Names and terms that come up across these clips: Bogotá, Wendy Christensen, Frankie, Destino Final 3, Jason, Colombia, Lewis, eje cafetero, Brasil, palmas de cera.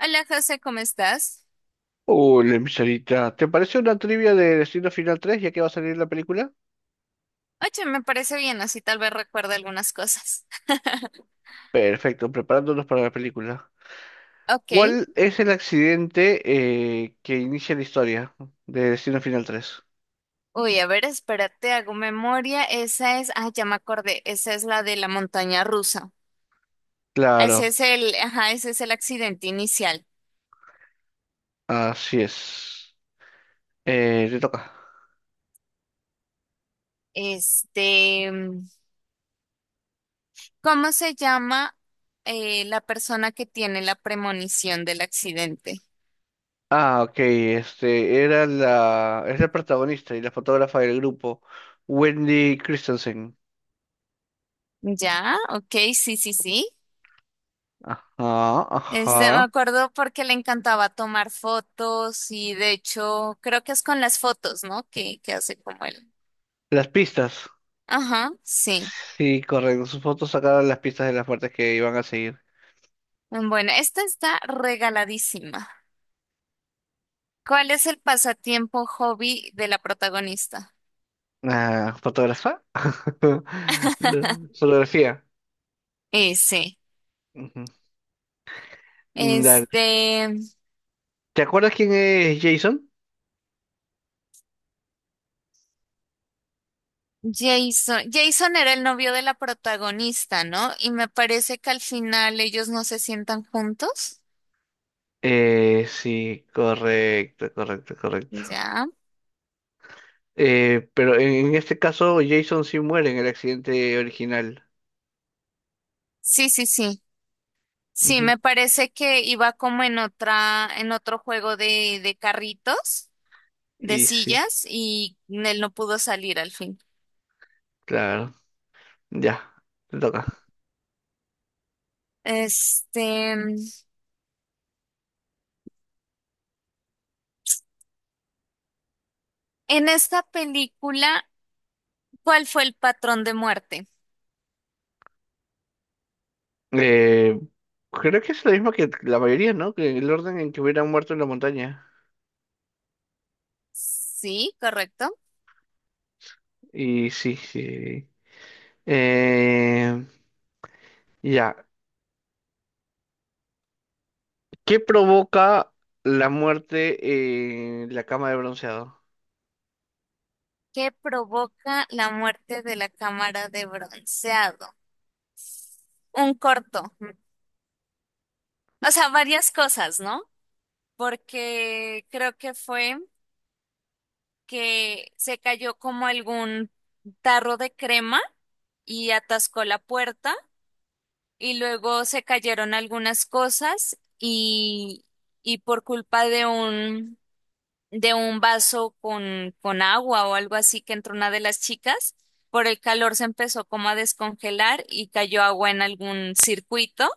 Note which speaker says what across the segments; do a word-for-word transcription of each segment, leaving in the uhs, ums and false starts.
Speaker 1: Hola José, ¿cómo estás?
Speaker 2: Hola, mi Sarita. ¿Te parece una trivia de Destino Final tres ya que va a salir la película?
Speaker 1: Oye, me parece bien, así tal vez recuerde algunas cosas.
Speaker 2: Perfecto, preparándonos para la película.
Speaker 1: Ok.
Speaker 2: ¿Cuál es el accidente eh, que inicia la historia de Destino Final tres?
Speaker 1: Uy, a ver, espérate, hago memoria. Esa es, ah, ya me acordé, esa es la de la montaña rusa. Ese
Speaker 2: Claro,
Speaker 1: es el, ajá, ese es el accidente inicial.
Speaker 2: así es. Eh, te toca.
Speaker 1: Este, ¿cómo se llama eh, la persona que tiene la premonición del accidente?
Speaker 2: Ah, ok, este era la, es la protagonista y la fotógrafa del grupo, Wendy Christensen.
Speaker 1: Ya, ok, sí, sí, sí.
Speaker 2: Ajá,
Speaker 1: Este, me
Speaker 2: ajá.
Speaker 1: acuerdo porque le encantaba tomar fotos y de hecho creo que es con las fotos, ¿no? Que, que hace como él.
Speaker 2: Las pistas.
Speaker 1: Ajá, sí.
Speaker 2: Sí, correcto. Sus fotos sacaron las pistas de las muertes que iban a seguir.
Speaker 1: Bueno, esta está regaladísima. ¿Cuál es el pasatiempo hobby de la protagonista?
Speaker 2: Ah, ¿fotógrafa? Fotografía.
Speaker 1: Ese.
Speaker 2: Ujú. Mm, dale.
Speaker 1: Este,
Speaker 2: ¿Te acuerdas quién es Jason?
Speaker 1: Jason. Jason era el novio de la protagonista, ¿no? Y me parece que al final ellos no se sientan juntos.
Speaker 2: Eh, sí, correcto, correcto, correcto.
Speaker 1: Ya.
Speaker 2: Eh, pero en en este caso Jason sí muere en el accidente original.
Speaker 1: Sí, sí, sí. Sí,
Speaker 2: Ujú.
Speaker 1: me parece que iba como en otra, en otro juego de, de carritos, de
Speaker 2: Y sí,
Speaker 1: sillas, y él no pudo salir al fin.
Speaker 2: claro. Ya, te toca.
Speaker 1: Este, en esta película, ¿cuál fue el patrón de muerte?
Speaker 2: Eh, creo que es lo mismo que la mayoría, ¿no? Que el orden en que hubieran muerto en la montaña.
Speaker 1: Sí, correcto.
Speaker 2: Y sí, sí. Eh, ya. ¿Qué provoca la muerte en la cama de bronceado?
Speaker 1: ¿Qué provoca la muerte de la cámara de bronceado? Un corto. O sea, varias cosas, ¿no? Porque creo que fue, que se cayó como algún tarro de crema y atascó la puerta y luego se cayeron algunas cosas y, y por culpa de un, de un vaso con, con agua o algo así que entró una de las chicas, por el calor se empezó como a descongelar y cayó agua en algún circuito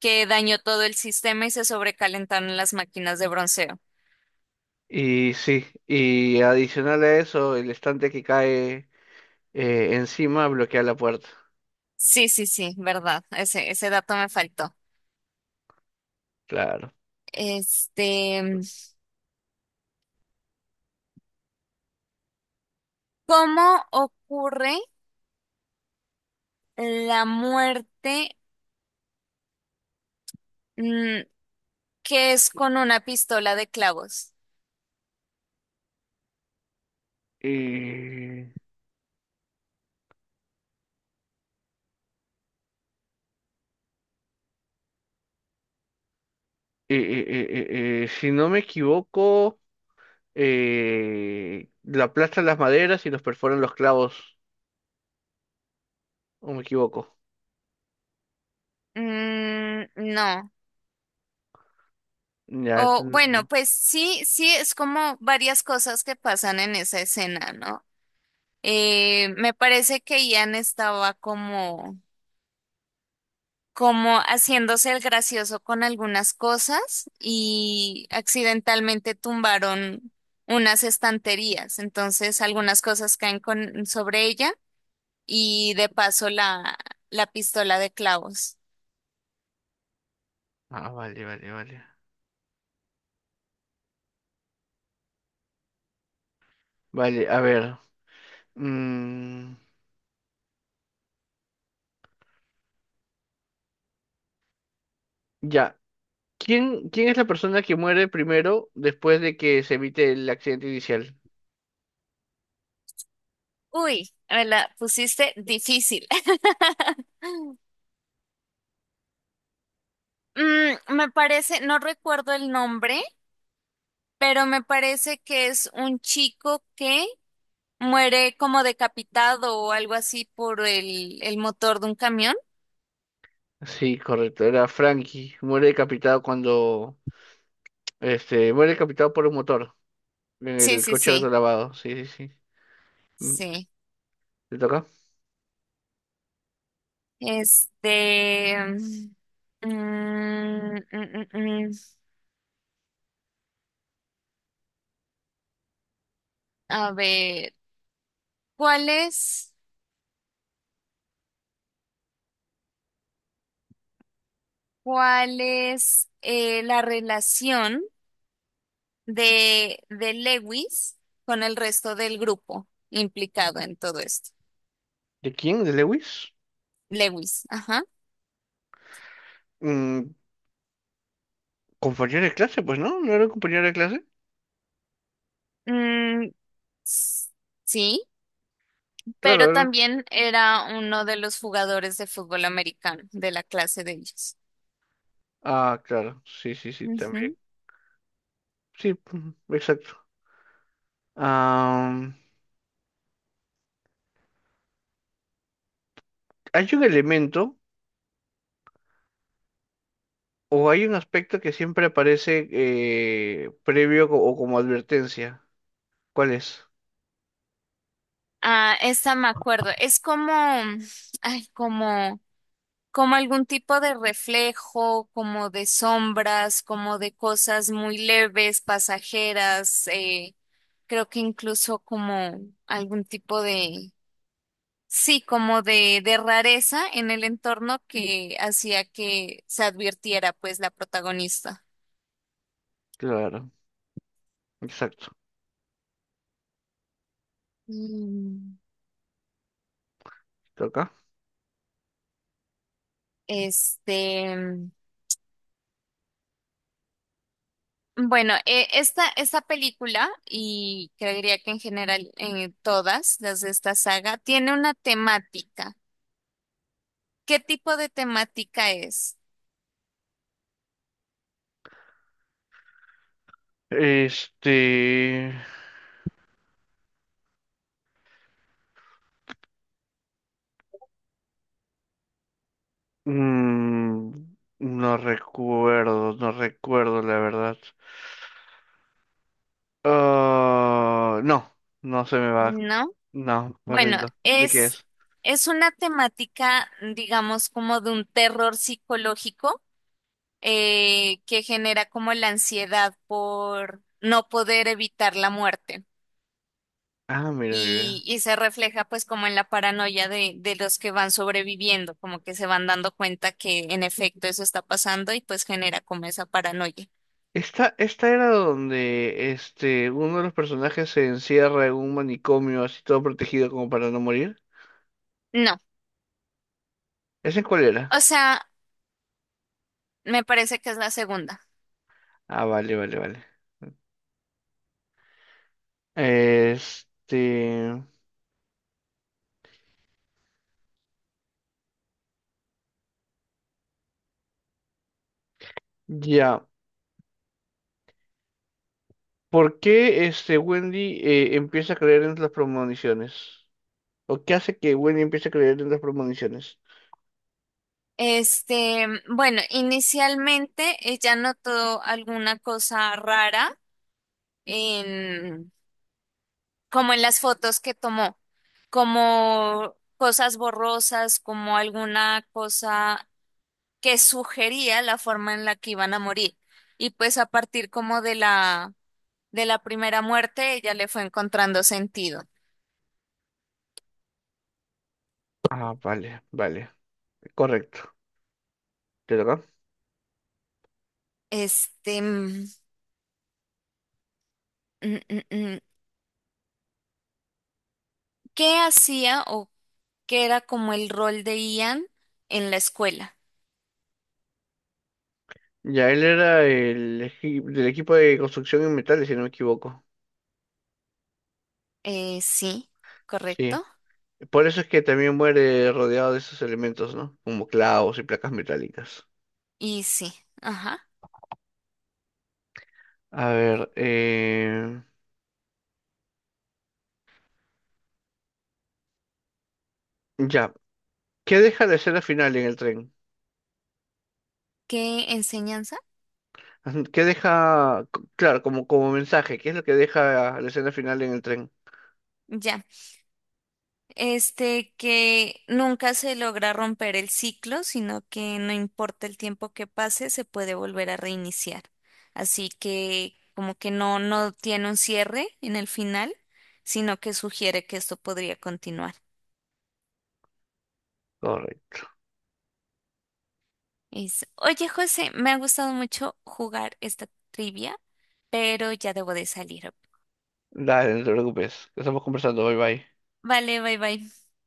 Speaker 1: que dañó todo el sistema y se sobrecalentaron las máquinas de bronceo.
Speaker 2: Y sí, y adicional a eso, el estante que cae eh, encima bloquea la puerta.
Speaker 1: Sí, sí, sí, verdad. Ese, ese dato me faltó.
Speaker 2: Claro.
Speaker 1: Este, ¿cómo ocurre la muerte mm, que es con una pistola de clavos?
Speaker 2: Y, y- y- y- y- y si no me equivoco, eh, la aplastan las maderas y los perforan los clavos. ¿O me equivoco?
Speaker 1: Mm, no.
Speaker 2: Ya.
Speaker 1: O bueno,
Speaker 2: ent-
Speaker 1: pues sí, sí, es como varias cosas que pasan en esa escena, ¿no? Eh, me parece que Ian estaba como como haciéndose el gracioso con algunas cosas y accidentalmente tumbaron unas estanterías. Entonces algunas cosas caen con, sobre ella y de paso la, la pistola de clavos.
Speaker 2: Ah, vale, vale, vale. Vale, a ver. mm, ya. ¿Quién, quién es la persona que muere primero después de que se evite el accidente inicial?
Speaker 1: Uy, me la pusiste difícil. Mm, me parece, no recuerdo el nombre, pero me parece que es un chico que muere como decapitado o algo así por el, el motor de un camión.
Speaker 2: Sí, correcto, era Frankie. Muere decapitado cuando, este, muere decapitado por un motor en
Speaker 1: Sí,
Speaker 2: el
Speaker 1: sí,
Speaker 2: coche
Speaker 1: sí.
Speaker 2: autolavado. Sí, sí, sí. Mm,
Speaker 1: Sí.
Speaker 2: ¿le toca?
Speaker 1: Este, mm, mm, mm, mm. A ver, ¿cuál es, ¿cuál es eh, la relación de, de Lewis con el resto del grupo implicado en todo esto?
Speaker 2: ¿De quién? ¿De Lewis?
Speaker 1: Lewis, ajá.
Speaker 2: Mm, compañero de clase, pues no, no era un compañero de clase.
Speaker 1: Mm, s- sí,
Speaker 2: Claro,
Speaker 1: pero
Speaker 2: era-
Speaker 1: también era uno de los jugadores de fútbol americano de la clase de ellos.
Speaker 2: Ah, claro, sí, sí, sí, también. Sí, mm, exacto. Ah, hay un elemento. O hay un aspecto que siempre aparece eh, previo co- o como advertencia. ¿Cuál es?
Speaker 1: Ah, esta me acuerdo. Es como, ay, como, como algún tipo de reflejo, como de sombras, como de cosas muy leves, pasajeras. Eh, creo que incluso como algún tipo de, sí, como de, de rareza en el entorno que hacía que se advirtiera, pues, la protagonista.
Speaker 2: Claro, exacto.
Speaker 1: Mm,
Speaker 2: Toca.
Speaker 1: Este. Bueno, eh, esta, esta película, y creería que en general eh, todas las de esta saga, tiene una temática. ¿Qué tipo de temática es?
Speaker 2: Este... mm, no recuerdo, no recuerdo la verdad. Ah, no, no se me va.
Speaker 1: ¿No?
Speaker 2: No, me
Speaker 1: Bueno,
Speaker 2: rindo. ¿De qué
Speaker 1: es,
Speaker 2: es?
Speaker 1: es una temática, digamos, como de un terror psicológico eh, que genera como la ansiedad por no poder evitar la muerte.
Speaker 2: Ah, mira,
Speaker 1: Y,
Speaker 2: mira.
Speaker 1: y se refleja pues como en la paranoia de, de los que van sobreviviendo, como que se van dando cuenta que en efecto eso está pasando y pues genera como esa paranoia.
Speaker 2: Esta, esta era donde este, uno de los personajes se encierra en un manicomio así todo protegido como para no morir.
Speaker 1: No,
Speaker 2: ¿Ese cuál era?
Speaker 1: o sea, me parece que es la segunda.
Speaker 2: Ah, vale, vale, vale. Este, ya. ¿Por qué este Wendy eh, empieza a creer en las premoniciones? ¿O qué hace que Wendy empiece a creer en las premoniciones?
Speaker 1: Este, bueno, inicialmente ella notó alguna cosa rara en, como en las fotos que tomó, como cosas borrosas, como alguna cosa que sugería la forma en la que iban a morir. Y pues a partir como de la, de la primera muerte, ella le fue encontrando sentido.
Speaker 2: Ah, vale, vale, correcto. ¿Te toca?
Speaker 1: Este, mm, mm, mm, mm. ¿Qué hacía o qué era como el rol de Ian en la escuela?
Speaker 2: Ya él era el equi- del equipo de construcción en metales, si no me equivoco.
Speaker 1: Eh, sí,
Speaker 2: Sí.
Speaker 1: correcto.
Speaker 2: Por eso es que también muere rodeado de esos elementos, ¿no? Como clavos y placas metálicas.
Speaker 1: Y sí, ajá.
Speaker 2: A ver, eh... ya. ¿Qué deja de ser al final en el tren?
Speaker 1: ¿Qué enseñanza?
Speaker 2: ¿Qué deja, c- claro, como, como mensaje, ¿qué es lo que deja la escena final en el tren?
Speaker 1: Ya. Este, que nunca se logra romper el ciclo, sino que no importa el tiempo que pase, se puede volver a reiniciar. Así que como que no, no tiene un cierre en el final, sino que sugiere que esto podría continuar.
Speaker 2: Correcto.
Speaker 1: Es, oye, José, me ha gustado mucho jugar esta trivia, pero ya debo de salir.
Speaker 2: Dale, no te preocupes. Estamos conversando. Bye bye.
Speaker 1: Vale, bye bye.